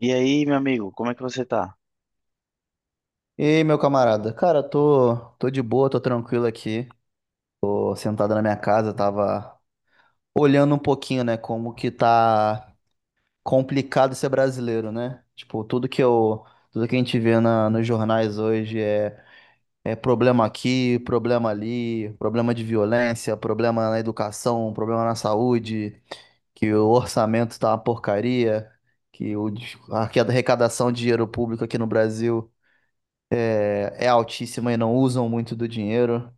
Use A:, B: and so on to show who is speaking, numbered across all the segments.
A: E aí, meu amigo, como é que você tá?
B: E aí, meu camarada? Cara, tô de boa, tô tranquilo aqui. Tô sentado na minha casa, tava olhando um pouquinho, né, como que tá complicado ser brasileiro, né? Tipo, tudo que a gente vê nos jornais hoje é problema aqui, problema ali, problema de violência, problema na educação, problema na saúde, que o orçamento tá uma porcaria, a arrecadação de dinheiro público aqui no Brasil é altíssima e não usam muito do dinheiro.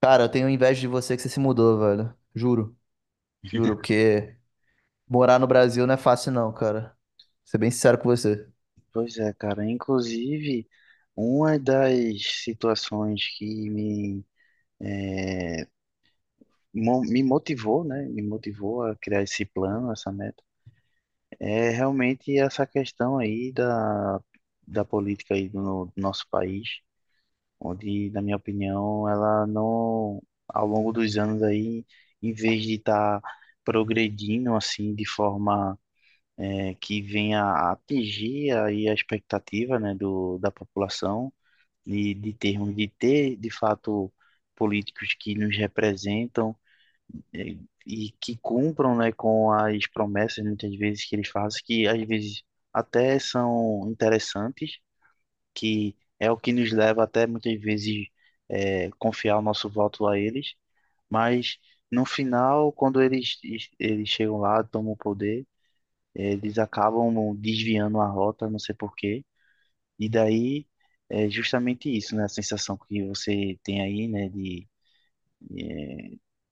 B: Cara, eu tenho inveja de você que você se mudou, velho. Juro, juro, porque morar no Brasil não é fácil não, cara. Vou ser bem sincero com você.
A: Pois é, cara. Inclusive, uma das situações que me motivou, né? Me motivou a criar esse plano, essa meta, é realmente essa questão aí da política aí do nosso país, onde, na minha opinião, ela não, ao longo dos anos aí, em vez de estar progredindo assim de forma que venha a atingir aí a expectativa, né, da população e de ter, de fato, políticos que nos representam é, e que cumpram, né, com as promessas, muitas vezes, que eles fazem, que às vezes até são interessantes, que é o que nos leva até, muitas vezes, confiar o nosso voto a eles, mas no final, eles chegam lá, tomam o poder, eles acabam desviando a rota, não sei por quê. E daí é justamente isso, né? A sensação que você tem aí, né?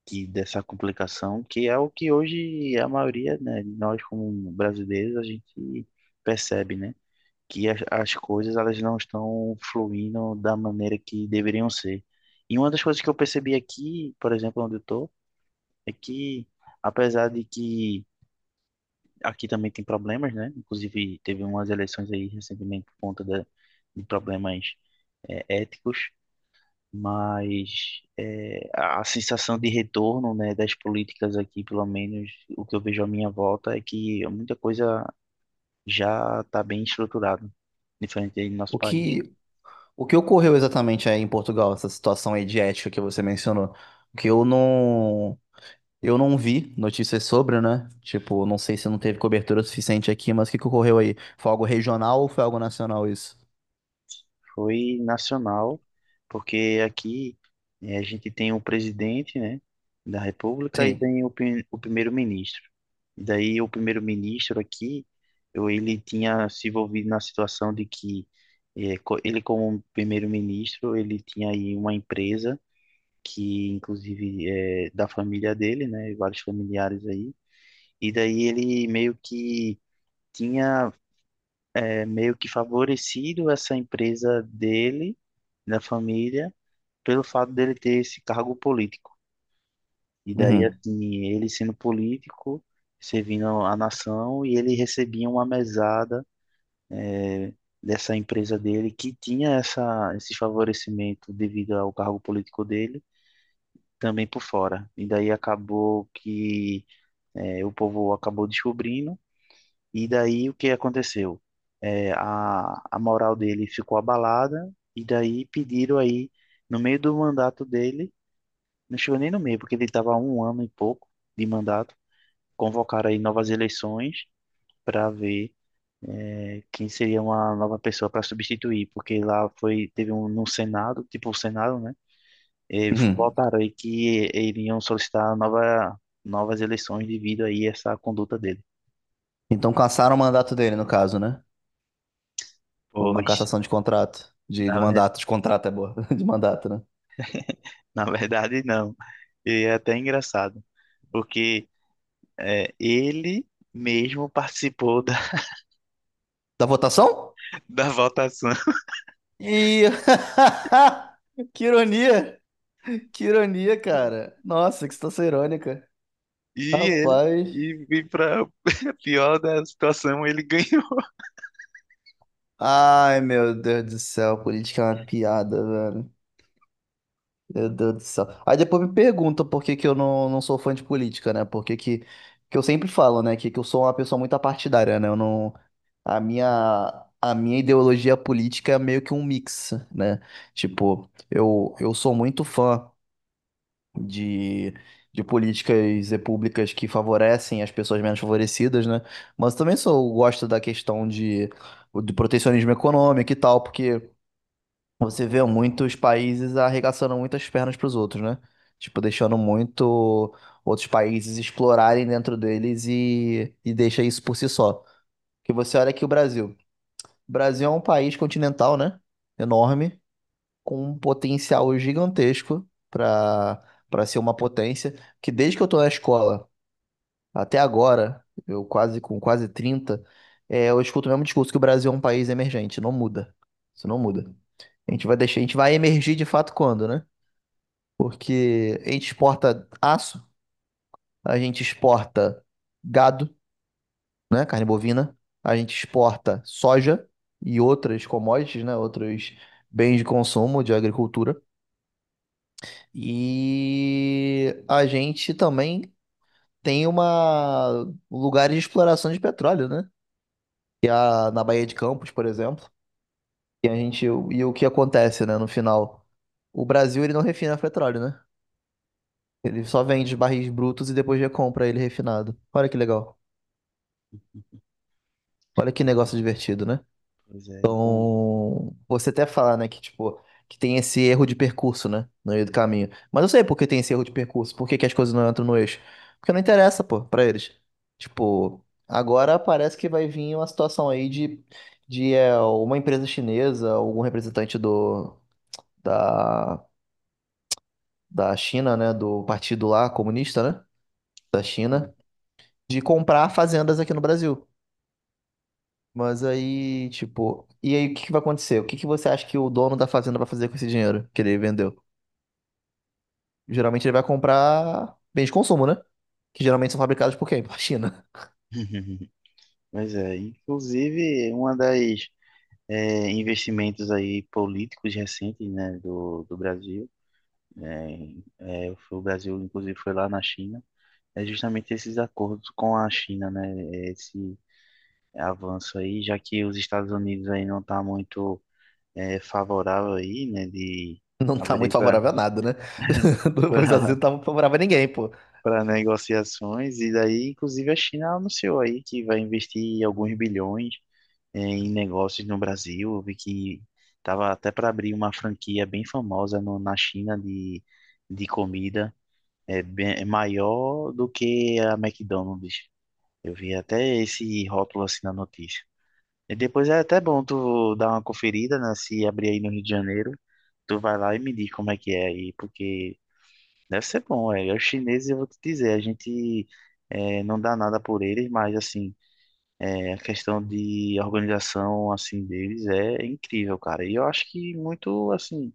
A: De Dessa complicação, que é o que hoje a maioria, né, de nós como brasileiros a gente percebe, né? Que as coisas, elas não estão fluindo da maneira que deveriam ser. E uma das coisas que eu percebi aqui, por exemplo, onde eu tô, é que apesar de que aqui também tem problemas, né? Inclusive, teve umas eleições aí recentemente por conta de problemas éticos, mas é, a sensação de retorno, né, das políticas aqui, pelo menos o que eu vejo à minha volta, é que muita coisa já está bem estruturada, diferente aí do nosso
B: O
A: país.
B: que, o que ocorreu exatamente aí em Portugal, essa situação aí de ética que você mencionou? Que eu não vi notícias sobre, né? Tipo, não sei se não teve cobertura suficiente aqui, mas o que que ocorreu aí? Foi algo regional ou foi algo nacional isso?
A: Foi nacional, porque aqui a gente tem o presidente, né, da República, e
B: Sim.
A: tem o primeiro-ministro. E daí o primeiro-ministro aqui, ele tinha se envolvido na situação de que ele, como primeiro-ministro, ele tinha aí uma empresa que inclusive é da família dele, né, vários familiares aí. E daí ele meio que tinha meio que favorecido essa empresa dele, da família, pelo fato dele ter esse cargo político. E daí,
B: Uhum.
A: assim, ele sendo político, servindo a nação, e ele recebia uma mesada é, dessa empresa dele que tinha esse favorecimento devido ao cargo político dele, também por fora. E daí acabou que o povo acabou descobrindo. E daí, o que aconteceu? É, a moral dele ficou abalada, e daí pediram aí, no meio do mandato dele, não chegou nem no meio, porque ele estava há um ano e pouco de mandato, convocaram aí novas eleições para ver quem seria uma nova pessoa para substituir, porque lá foi, teve um no Senado, tipo o Senado, né? E
B: Uhum.
A: votaram aí que iriam solicitar novas eleições devido aí a essa conduta dele.
B: Então cassaram o mandato dele, no caso, né? Houve uma
A: Pois.
B: cassação de contrato. De
A: Na
B: mandato, de contrato é boa. De mandato, né?
A: Na verdade, não. E é até engraçado, porque ele mesmo participou da,
B: Da votação?
A: da votação.
B: E. Que ironia! Que ironia, cara. Nossa, que situação irônica.
A: E
B: Rapaz.
A: para pior da situação, ele ganhou.
B: Ai, meu Deus do céu, política é uma piada, velho. Meu Deus do céu. Aí depois me pergunta por que que eu não sou fã de política, né? Por que que eu sempre falo, né? Que eu sou uma pessoa muito apartidária, né? Eu não. A minha ideologia política é meio que um mix, né? Tipo, eu sou muito fã de, de políticas e públicas que favorecem as pessoas menos favorecidas, né? Mas também sou, gosto da questão do protecionismo econômico e tal, porque você vê muitos países arregaçando muitas pernas para os outros, né? Tipo, deixando muito outros países explorarem dentro deles e deixa isso por si só. Porque você olha aqui o Brasil. O Brasil é um país continental, né? Enorme com um potencial gigantesco para ser uma potência, que desde que eu tô na escola até agora, eu quase com quase 30, eu escuto o mesmo discurso que o Brasil é um país emergente, não muda. Isso não muda. A gente vai emergir de fato quando, né? Porque a gente exporta aço, a gente exporta gado, né, carne bovina, a gente exporta soja e outras commodities, né, outros bens de consumo de agricultura. E a gente também tem uma um lugar de exploração de petróleo, né? Que é na Baía de Campos, por exemplo. E a gente e o que acontece, né, no final? O Brasil ele não refina petróleo, né? Ele só vende os barris brutos e depois recompra ele refinado. Olha que legal. Olha que
A: Uhum.
B: negócio divertido, né?
A: Pois é, então.
B: Você até fala, né, que tipo, que tem esse erro de percurso, né, no meio do caminho. Mas eu sei por que tem esse erro de percurso, por que que as coisas não entram no eixo. Porque não interessa, pô, pra eles. Tipo, agora parece que vai vir uma situação aí de uma empresa chinesa, algum representante da, da China, né, do partido lá comunista, né, da
A: Sim.
B: China, de comprar fazendas aqui no Brasil. Mas aí, tipo, e aí o que que vai acontecer? O que que você acha que o dono da fazenda vai fazer com esse dinheiro que ele vendeu? Geralmente ele vai comprar bens de consumo, né? Que geralmente são fabricados por quem? Por China.
A: Pois é, inclusive uma das investimentos aí políticos recentes, né, do Brasil, né, é, foi, o Brasil inclusive foi lá na China, é justamente esses acordos com a China, né, esse avanço aí, já que os Estados Unidos aí não tá muito favorável aí, né, de
B: Não tá muito
A: abrir para
B: favorável a nada, né? Os Estados Unidos não tá muito favorável a ninguém, pô.
A: para negociações. E daí, inclusive, a China anunciou aí que vai investir alguns bilhões em negócios no Brasil. Eu vi que tava até para abrir uma franquia bem famosa na China de comida, é bem, é maior do que a McDonald's. Eu vi até esse rótulo assim na notícia. E depois é até bom tu dar uma conferida, né? Se abrir aí no Rio de Janeiro, tu vai lá e me diz como é que é aí, porque deve ser bom, é. Os chineses, eu vou te dizer, a gente não dá nada por eles, mas assim, é, a questão de organização assim deles é incrível, cara. E eu acho que muito assim.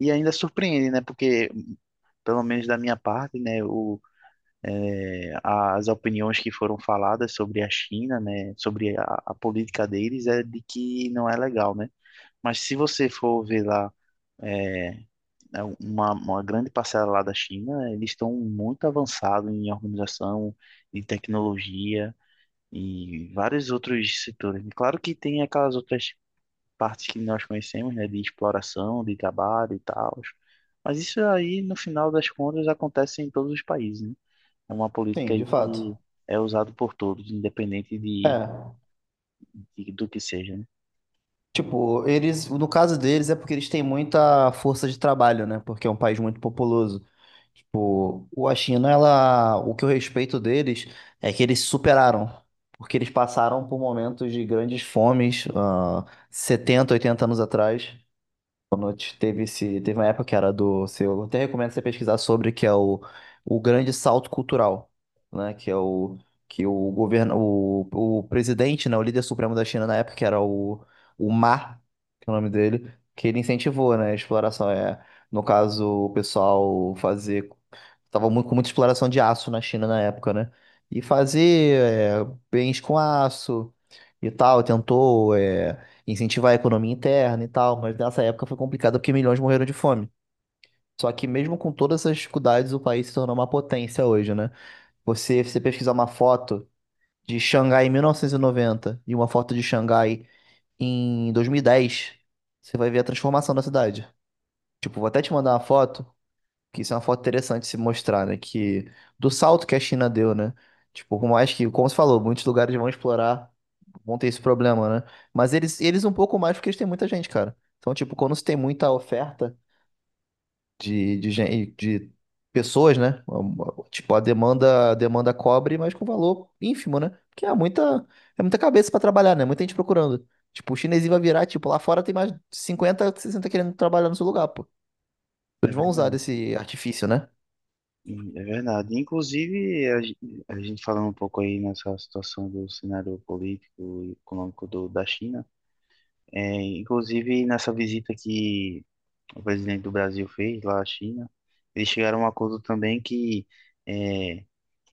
A: E ainda surpreende, né? Porque, pelo menos da minha parte, né, as opiniões que foram faladas sobre a China, né, sobre a política deles, é de que não é legal, né? Mas se você for ver lá, é, é uma grande parcela lá da China, eles estão muito avançados em organização, em tecnologia e vários outros setores. E claro que tem aquelas outras partes que nós conhecemos, né, de exploração, de trabalho e tal. Mas isso aí, no final das contas, acontece em todos os países, né? É uma política
B: Sim,
A: aí
B: de
A: que
B: fato.
A: é usada por todos, independente de,
B: É.
A: do que seja, né?
B: Tipo, eles, no caso deles, é porque eles têm muita força de trabalho, né? Porque é um país muito populoso. Tipo, a China, ela, o que eu respeito deles é que eles se superaram, porque eles passaram por momentos de grandes fomes, 70, 80 anos atrás. Teve esse, teve uma época que era do seu, eu até recomendo você pesquisar sobre que é o grande salto cultural, né? Que é o que o governo, o presidente, né? O líder supremo da China na época que era o Ma, que é o nome dele, que ele incentivou, né? A exploração é, no caso, o pessoal fazer, tava muito com muita exploração de aço na China na época, né? E fazer é, bens com aço e tal, tentou. Incentivar a economia interna e tal, mas nessa época foi complicado porque milhões morreram de fome. Só que mesmo com todas essas dificuldades, o país se tornou uma potência hoje, né? Você pesquisar uma foto de Xangai em 1990 e noventa e uma foto de Xangai em 2010, você vai ver a transformação da cidade. Tipo, vou até te mandar uma foto que isso é uma foto interessante de se mostrar, né? Que do salto que a China deu, né? Tipo, por mais que, como você falou, muitos lugares vão explorar, vão ter esse problema, né? Mas eles um pouco mais porque eles têm muita gente, cara. Então, tipo, quando você tem muita oferta de pessoas, né? Tipo, a demanda cobre, mas com valor ínfimo, né? Porque é muita cabeça pra trabalhar, né? Muita gente procurando. Tipo, o chinesinho vai virar, tipo, lá fora tem mais 50 60 querendo trabalhar no seu lugar, pô.
A: É
B: Eles vão usar
A: verdade.
B: desse artifício, né?
A: E é verdade. Inclusive, a gente falando um pouco aí nessa situação do cenário político e econômico da China, é, inclusive nessa visita que o presidente do Brasil fez lá à China, eles chegaram a um acordo também que é,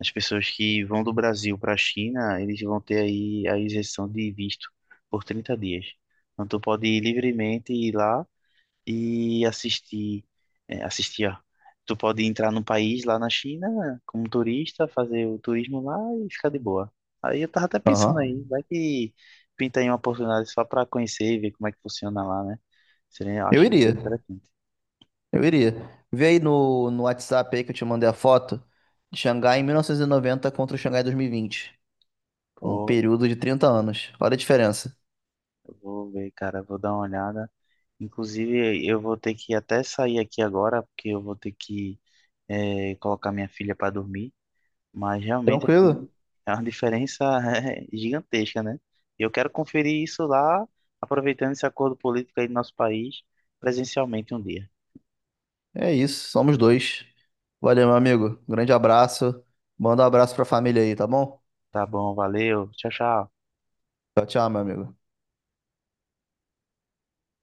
A: as pessoas que vão do Brasil para a China, eles vão ter aí a isenção de visto por 30 dias. Então, tu pode ir livremente, ir lá e assisti, é, assisti, ó. Tu pode entrar no país lá na China como turista, fazer o turismo lá e ficar de boa. Aí eu tava até pensando aí,
B: Aham.
A: vai que pinta aí uma oportunidade só pra conhecer e ver como é que funciona lá, né? Seria, eu
B: Eu
A: acho que
B: iria,
A: seria interessante.
B: eu iria. Vê aí no WhatsApp aí que eu te mandei a foto de Xangai em 1990 contra o Xangai 2020. Um
A: Pô,
B: período de 30 anos. Olha a diferença.
A: eu vou ver, cara, eu vou dar uma olhada. Inclusive, eu vou ter que até sair aqui agora, porque eu vou ter que colocar minha filha para dormir. Mas realmente aqui
B: Tranquilo?
A: é uma diferença é, gigantesca, né? E eu quero conferir isso lá, aproveitando esse acordo político aí do nosso país, presencialmente um dia.
B: É isso, somos dois. Valeu, meu amigo. Grande abraço. Manda um abraço pra família aí, tá bom?
A: Tá bom, valeu, tchau, tchau.
B: Tchau, tchau, meu amigo.